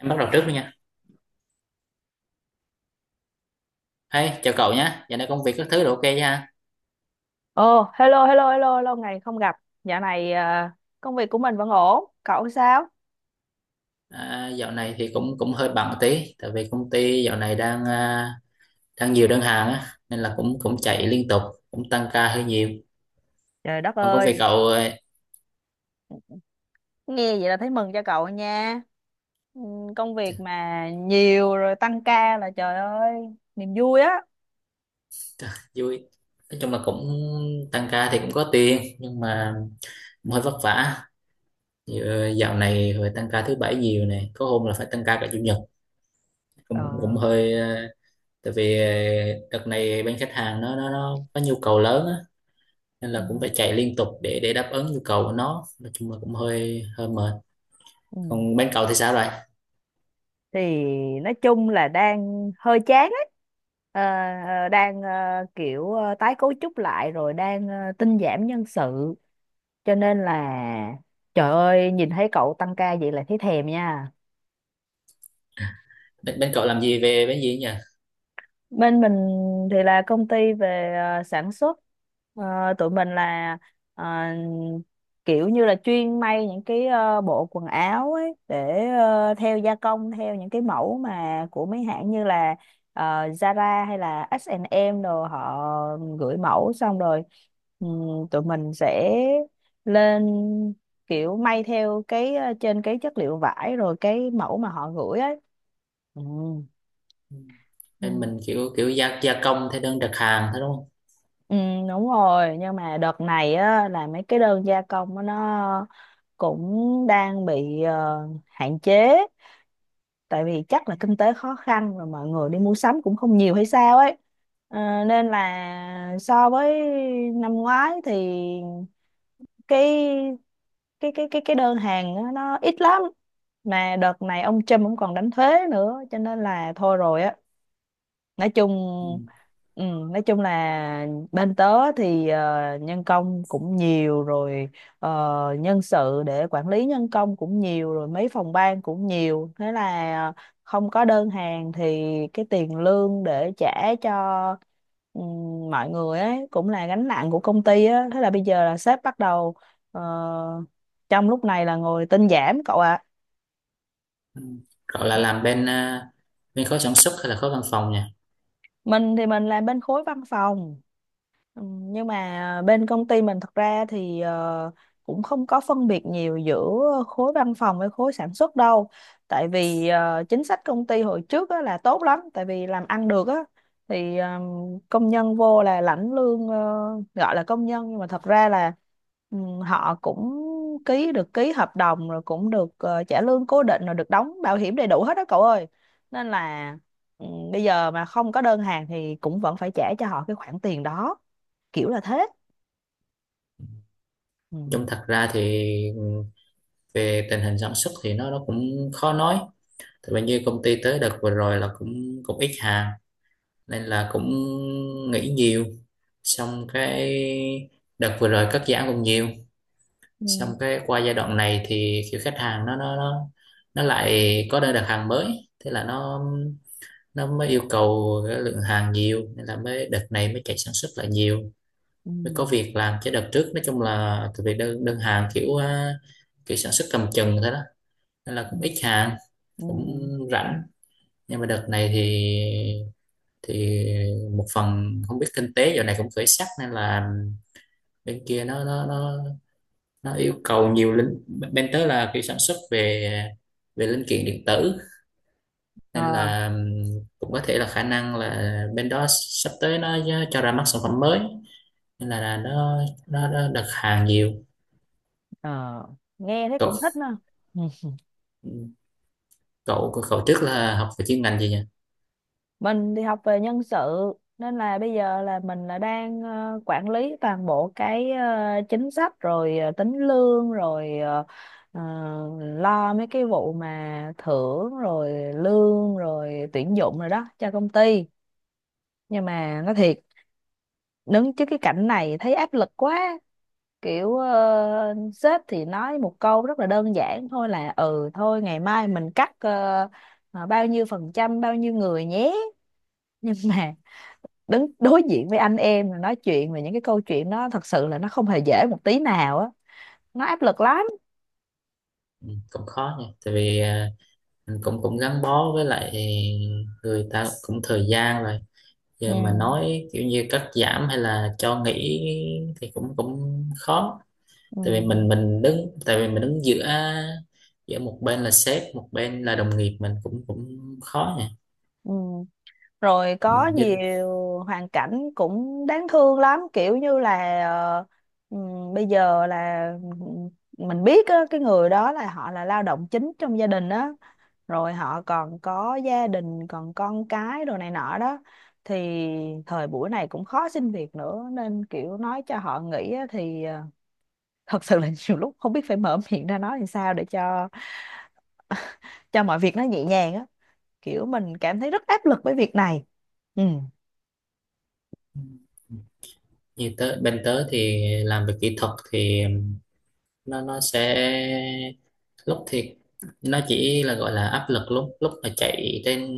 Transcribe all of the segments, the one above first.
Em bắt đầu trước đi nha. Hey, chào cậu nhé. Dạo này công việc các thứ đều OK ha. Ồ, hello, hello, hello, lâu ngày không gặp. Dạo này à, công việc của mình vẫn ổn. Cậu sao? À, dạo này thì cũng cũng hơi bận một tí, tại vì công ty dạo này đang nhiều đơn hàng á, nên là cũng cũng chạy liên tục, cũng tăng ca hơi nhiều. Trời đất Còn công việc ơi, cậu nghe vậy là thấy mừng cho cậu nha. Ừ, công trời, việc mà nhiều rồi tăng ca là trời ơi, niềm vui á. trời, vui. Nói chung là cũng tăng ca thì cũng có tiền, nhưng mà cũng hơi vất vả. Dạo này phải tăng ca thứ bảy nhiều này, có hôm là phải tăng ca cả chủ nhật. Cũng cũng, Ờ, cũng hơi tại vì đợt này bên khách hàng nó có nhu cầu lớn á, nên là cũng ừ. phải chạy liên tục để đáp ứng nhu cầu của nó, nói chung là cũng hơi hơi mệt. Ừ. Còn bên cậu thì sao rồi? Thì nói chung là đang hơi chán ấy. Ờ, đang kiểu tái cấu trúc lại rồi đang tinh giảm nhân sự, cho nên là trời ơi nhìn thấy cậu tăng ca vậy là thấy thèm nha. Bên cậu làm gì, về bên gì nhỉ? Bên mình thì là công ty về sản xuất. Tụi mình là ờ, kiểu như là chuyên may những cái bộ quần áo ấy để theo gia công theo những cái mẫu mà của mấy hãng như là Zara hay là H&M, rồi họ gửi mẫu xong rồi tụi mình sẽ lên kiểu may theo cái trên cái chất liệu vải rồi cái mẫu mà họ gửi ấy. Ừ. Bên mình kiểu kiểu gia gia công theo đơn đặt hàng thế đúng không? Ừ, đúng rồi, nhưng mà đợt này á, là mấy cái đơn gia công á, nó cũng đang bị hạn chế. Tại vì chắc là kinh tế khó khăn và mọi người đi mua sắm cũng không nhiều hay sao ấy. Nên là so với năm ngoái thì cái cái đơn hàng á, nó ít lắm. Mà đợt này ông Trump cũng còn đánh thuế nữa, cho nên là thôi rồi á, nói Ừ. chung. ừ, nói chung là bên tớ thì nhân công cũng nhiều rồi, ờ, nhân sự để quản lý nhân công cũng nhiều rồi, mấy phòng ban cũng nhiều. Thế là không có đơn hàng thì cái tiền lương để trả cho ừ, mọi người ấy cũng là gánh nặng của công ty á. Thế là bây giờ là sếp bắt đầu, ờ, trong lúc này là ngồi tinh giảm, cậu ạ. Ừ. Cậu là làm bên bên khối sản xuất hay là khối văn phòng nhỉ? Mình thì mình làm bên khối văn phòng. Ừ, nhưng mà bên công ty mình thật ra thì cũng không có phân biệt nhiều giữa khối văn phòng với khối sản xuất đâu. Tại vì chính sách công ty hồi trước á, là tốt lắm, tại vì làm ăn được á, thì công nhân vô là lãnh lương. Ờ, Gọi là công nhân nhưng mà thật ra là ừ, họ cũng ký hợp đồng rồi cũng được trả lương cố định rồi được đóng bảo hiểm đầy đủ hết đó, cậu ơi. Nên là ừ, bây giờ mà không có đơn hàng thì cũng vẫn phải trả cho họ cái khoản tiền đó, kiểu là thế. Ừ. Chung thật ra thì, ừ, về tình hình sản xuất thì nó cũng khó nói. Tại vì như công ty tới đợt vừa rồi là cũng cũng ít hàng, nên là cũng nghỉ nhiều, xong cái đợt vừa rồi cắt giảm cũng nhiều. Ừ. Xong cái qua giai đoạn này thì kiểu khách hàng nó lại có đơn đặt hàng mới, thế là nó mới yêu cầu cái lượng hàng nhiều, nên là mới đợt này mới chạy sản xuất lại nhiều, Ừ. mới có việc làm. Chứ đợt trước nói chung là từ về đơn đơn hàng kiểu sản xuất cầm chừng thế đó, nên là Ừ. cũng ít hàng, Ừ. cũng rảnh. Nhưng mà đợt này thì thì một phần không biết kinh tế giờ này cũng khởi sắc, nên là bên kia nó yêu cầu nhiều linh. Bên tới là kiểu sản xuất về về linh kiện điện tử, nên Ờ, là cũng có thể là khả năng là bên đó sắp tới nó cho ra mắt sản phẩm mới, nên là nó đặt hàng nhiều. ờ. Nghe thấy cậu cũng thích nè. Ừ. cậu cậu trước là học về chuyên ngành gì nhỉ? Mình thì học về nhân sự, nên là bây giờ là mình là đang quản lý toàn bộ cái chính sách rồi tính lương rồi ờ, lo mấy cái vụ mà thưởng rồi lương rồi tuyển dụng rồi đó cho công ty. Nhưng mà nói thiệt, đứng trước cái cảnh này thấy áp lực quá, kiểu sếp thì nói một câu rất là đơn giản thôi là ừ thôi ngày mai mình cắt bao nhiêu phần trăm, bao nhiêu người nhé nhưng mà đứng đối diện với anh em mà nói chuyện về những cái câu chuyện đó thật sự là nó không hề dễ một tí nào á, nó áp lực lắm. Ừ, cũng khó nhỉ, tại vì mình cũng cũng gắn bó với lại người ta cũng thời gian rồi, Ừ. giờ mà nói kiểu như cắt giảm hay là cho nghỉ thì cũng cũng khó. Ừ. Tại vì mình đứng, tại vì mình đứng giữa giữa một bên là sếp, một bên là đồng nghiệp, mình cũng cũng khó nhỉ. Ừ. Rồi có như nhiều hoàn cảnh cũng đáng thương lắm, kiểu như là bây giờ là mình biết á, cái người đó là họ là lao động chính trong gia đình á, rồi họ còn có gia đình còn con cái đồ này nọ đó, thì thời buổi này cũng khó xin việc nữa, nên kiểu nói cho họ nghỉ á thì thật sự là nhiều lúc không biết phải mở miệng ra nói làm sao để cho mọi việc nó nhẹ nhàng á, kiểu mình cảm thấy rất áp lực với việc này. Ừ. như tớ, bên tớ thì làm về kỹ thuật thì nó sẽ lúc thì nó chỉ là gọi là áp lực lúc lúc mà chạy trên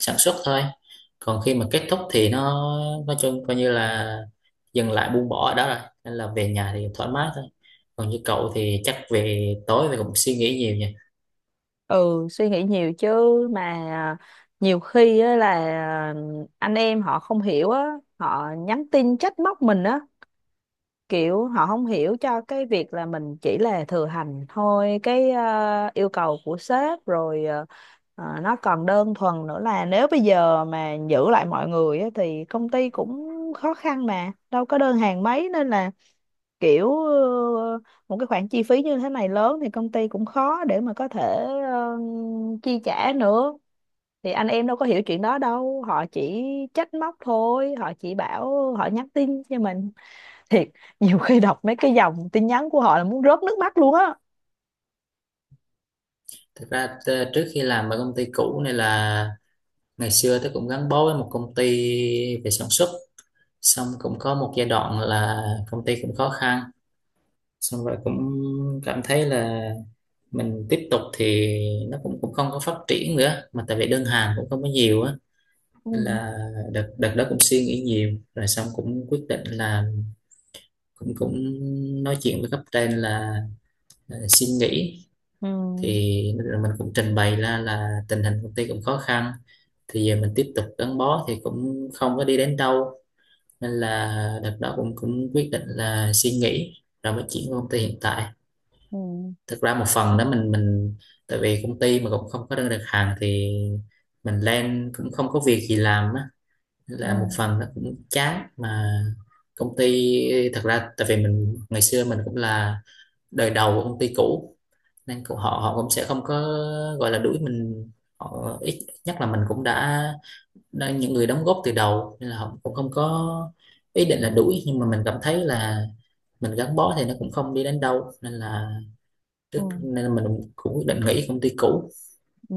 sản xuất thôi. Còn khi mà kết thúc thì nó nói chung coi như là dừng lại, buông bỏ ở đó rồi, nên là về nhà thì thoải mái thôi. Còn như cậu thì chắc về tối thì cũng suy nghĩ nhiều nhỉ. Ừ, suy nghĩ nhiều chứ. Mà nhiều khi á là anh em họ không hiểu á, họ nhắn tin trách móc mình á, kiểu họ không hiểu cho cái việc là mình chỉ là thừa hành thôi cái yêu cầu của sếp, rồi nó còn đơn thuần nữa là nếu bây giờ mà giữ lại mọi người á, thì công ty cũng khó khăn mà đâu có đơn hàng mấy, nên là kiểu một cái khoản chi phí như thế này lớn thì công ty cũng khó để mà có thể ờ, chi trả nữa. Thì anh em đâu có hiểu chuyện đó đâu, họ chỉ trách móc thôi, họ chỉ bảo họ nhắn tin cho mình. Thiệt, nhiều khi đọc mấy cái dòng tin nhắn của họ là muốn rớt nước mắt luôn á. Thực ra trước khi làm ở công ty cũ này là ngày xưa tôi cũng gắn bó với một công ty về sản xuất, xong cũng có một giai đoạn là công ty cũng khó khăn, xong rồi cũng cảm thấy là mình tiếp tục thì nó cũng cũng không có phát triển nữa, mà tại vì đơn hàng cũng không có nhiều á. Ừ. Nên là đợt đợt đó cũng suy nghĩ nhiều, rồi xong cũng quyết định là cũng cũng nói chuyện với cấp trên là xin nghỉ. Ừ. Thì rồi mình cũng trình bày ra là tình hình công ty cũng khó khăn, thì giờ mình tiếp tục gắn bó thì cũng không có đi đến đâu, nên là đợt đó cũng cũng quyết định là suy nghĩ, rồi mới chuyển qua công ty hiện tại. Ừ. Thực ra một phần đó mình tại vì công ty mà cũng không có đơn đặt hàng thì mình lên cũng không có việc gì làm á. Nên Ừ. là một phần nó cũng chán mà công ty. Thật ra tại vì mình ngày xưa mình cũng là đời đầu của công ty cũ, nên họ họ cũng sẽ không có gọi là đuổi mình. Họ ít ít nhất là mình cũng đã những người đóng góp từ đầu, nên là họ cũng không có ý định là đuổi, nhưng mà mình cảm thấy là mình gắn bó thì nó cũng không đi đến đâu, nên là Ừ. Nên là mình cũng quyết định nghỉ công ty cũ. Ừ.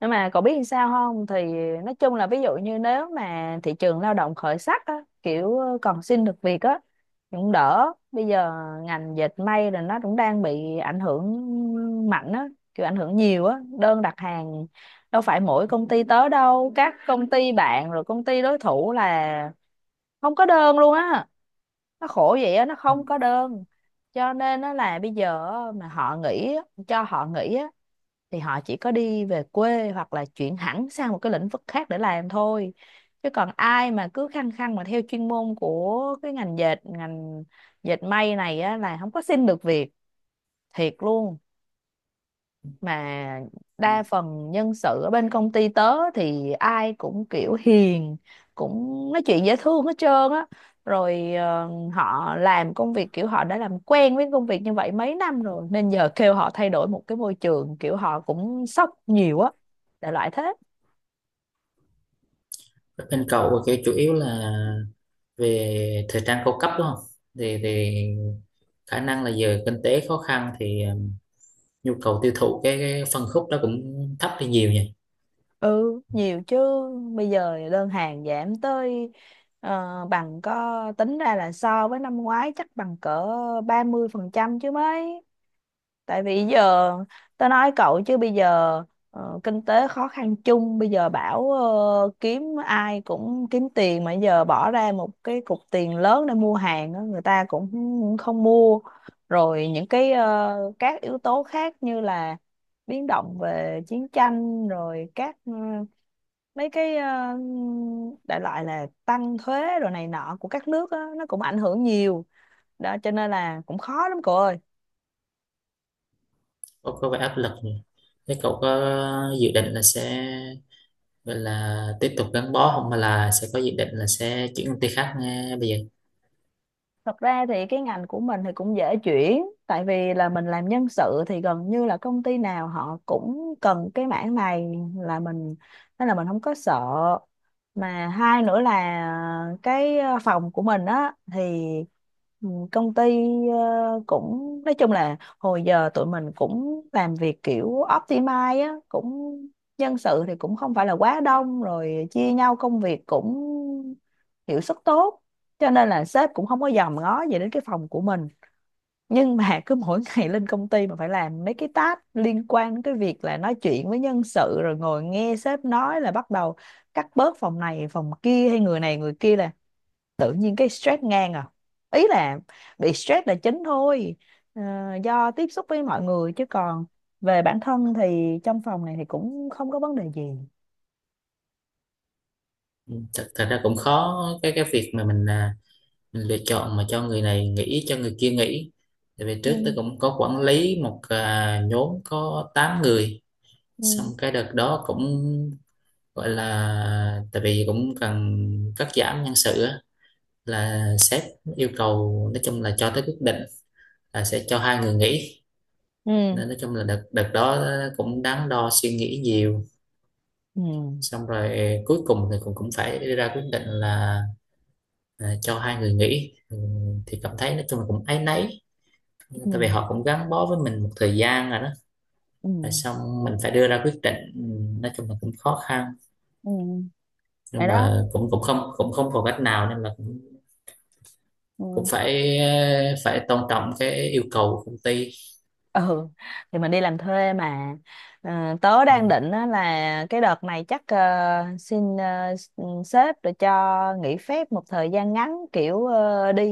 Nhưng mà cậu biết làm sao không, thì nói chung là ví dụ như nếu mà thị trường lao động khởi sắc á, kiểu còn xin được việc á, thì cũng đỡ. Bây giờ ngành dệt may là nó cũng đang bị ảnh hưởng mạnh á, kiểu ảnh hưởng nhiều á, đơn đặt hàng đâu phải mỗi công ty tới đâu, các công ty bạn rồi công ty đối thủ là không có đơn luôn á. Nó khổ vậy á, nó không có đơn, cho nên nó là bây giờ á, mà họ nghỉ á, cho họ nghỉ á, thì họ chỉ có đi về quê hoặc là chuyển hẳn sang một cái lĩnh vực khác để làm thôi. Chứ còn ai mà cứ khăng khăng mà theo chuyên môn của cái ngành dệt may này á, là không có xin được việc, thiệt luôn. Mà đa phần nhân sự ở bên công ty tớ thì ai cũng kiểu hiền, cũng nói chuyện dễ thương hết trơn á. Rồi họ làm công việc kiểu họ đã làm quen với công việc như vậy mấy năm rồi, nên giờ kêu họ thay đổi một cái môi trường kiểu họ cũng sốc nhiều á, đại loại thế. Bên cậu thì chủ yếu là về thời trang cao cấp đúng không? Thì khả năng là giờ kinh tế khó khăn thì nhu cầu tiêu thụ cái phân khúc đó cũng thấp đi nhiều nhỉ. Ừ, nhiều chứ. Bây giờ đơn hàng giảm tới bằng, có tính ra là so với năm ngoái chắc bằng cỡ 30% chứ mấy. Tại vì giờ tao nói cậu chứ bây giờ kinh tế khó khăn chung, bây giờ bảo kiếm ai cũng kiếm tiền, mà giờ bỏ ra một cái cục tiền lớn để mua hàng á, người ta cũng không mua. Rồi những cái các yếu tố khác như là biến động về chiến tranh rồi các mấy cái ờ, đại loại là tăng thuế rồi này nọ của các nước á, nó cũng ảnh hưởng nhiều đó, cho nên là cũng khó lắm, cậu ơi. Có vẻ áp lực nhỉ. Thế cậu có dự định là sẽ gọi là tiếp tục gắn bó không, mà là sẽ có dự định là sẽ chuyển công ty khác nghe bây giờ? Thật ra thì cái ngành của mình thì cũng dễ chuyển, tại vì là mình làm nhân sự thì gần như là công ty nào họ cũng cần cái mảng này là mình, nên là mình không có sợ. Mà hai nữa là cái phòng của mình á, thì ừ, công ty cũng nói chung là hồi giờ tụi mình cũng làm việc kiểu optimize á, cũng nhân sự thì cũng không phải là quá đông, rồi chia nhau công việc cũng hiệu suất tốt, cho nên là sếp cũng không có dòm ngó gì đến cái phòng của mình. Nhưng mà cứ mỗi ngày lên công ty mà phải làm mấy cái task liên quan đến cái việc là nói chuyện với nhân sự, rồi ngồi nghe sếp nói là bắt đầu cắt bớt phòng này phòng kia hay người này người kia, là tự nhiên cái stress ngang à. Ý là bị stress là chính thôi, ờ, do tiếp xúc với mọi người, chứ còn về bản thân thì trong phòng này thì cũng không có vấn đề gì. Ừ, thật ra cũng khó. Cái việc mà mình mình lựa chọn mà cho người này nghỉ cho người kia nghỉ, tại vì trước Ừ. tôi cũng có quản lý một nhóm có 8 người. Xong Ừ. cái đợt đó cũng gọi là tại vì cũng cần cắt giảm nhân sự á, là sếp yêu cầu, nói chung là cho tới quyết định là sẽ cho hai người nghỉ. Ừ. Nên nói chung là đợt đợt đó cũng đắn đo suy nghĩ nhiều. Ừ. Xong rồi cuối cùng thì cũng cũng phải đưa ra quyết định là cho hai người nghỉ. Ừ, thì cảm thấy nói chung là cũng áy náy, Ừ. tại vì họ cũng gắn bó với mình một thời gian rồi đó. Ừ. Rồi xong mình phải đưa ra quyết định, ừ, nói chung là cũng khó khăn, Ừ. Vậy nhưng đó. mà cũng cũng không còn cách nào, nên là cũng Ừ. phải phải tôn trọng cái yêu cầu của công ty. Ừ, thì mình đi làm thuê mà. Tớ Ừ. đang định á là cái đợt này chắc xin sếp để cho nghỉ phép một thời gian ngắn, kiểu đi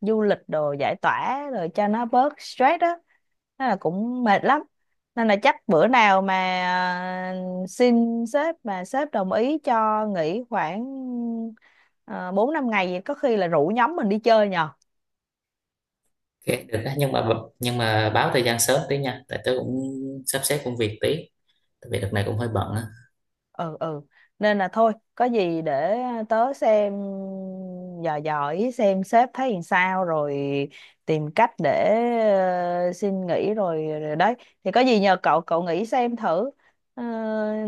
du lịch đồ giải tỏa rồi cho nó bớt stress á. Thế là cũng mệt lắm, nên là chắc bữa nào mà xin sếp mà sếp đồng ý cho nghỉ khoảng 4 5 ngày vậy, có khi là rủ nhóm mình đi chơi nhờ. OK được đó. Nhưng mà báo thời gian sớm tí nha, tại tớ cũng sắp xếp công việc tí, tại vì đợt này cũng hơi bận á. Ừ. Ừ, nên là thôi có gì để tớ xem, dò dò ý xem sếp thấy làm sao, rồi tìm cách để ờ, xin nghỉ rồi, rồi đấy, thì có gì nhờ cậu cậu nghĩ xem thử. Ờ,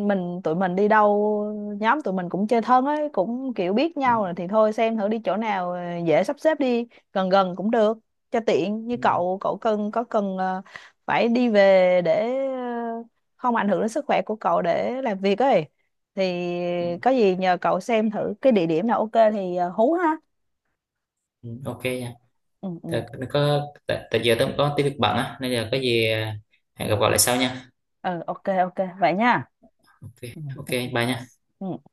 mình tụi mình đi đâu, nhóm tụi mình cũng chơi thân ấy, cũng kiểu biết Ừ, nhau rồi, thì thôi xem thử đi chỗ nào dễ sắp xếp, đi gần gần cũng được cho tiện. Như ừ, cậu cậu cần, cần phải đi về để không ảnh hưởng đến sức khỏe của cậu để làm việc ấy, thì ừ, có gì nhờ cậu xem thử cái địa điểm nào ok, thì hú ha. ừ, OK nha. Ừ. tại, Ừ. có tại, tại giờ tớ cũng có tí việc bận á, nên là có gì hẹn gặp gọi lại sau nha. Ừ, ok, ok, vậy nha. OK, Ừ. OK, Ừ. Ừ. bye nha. Ừ.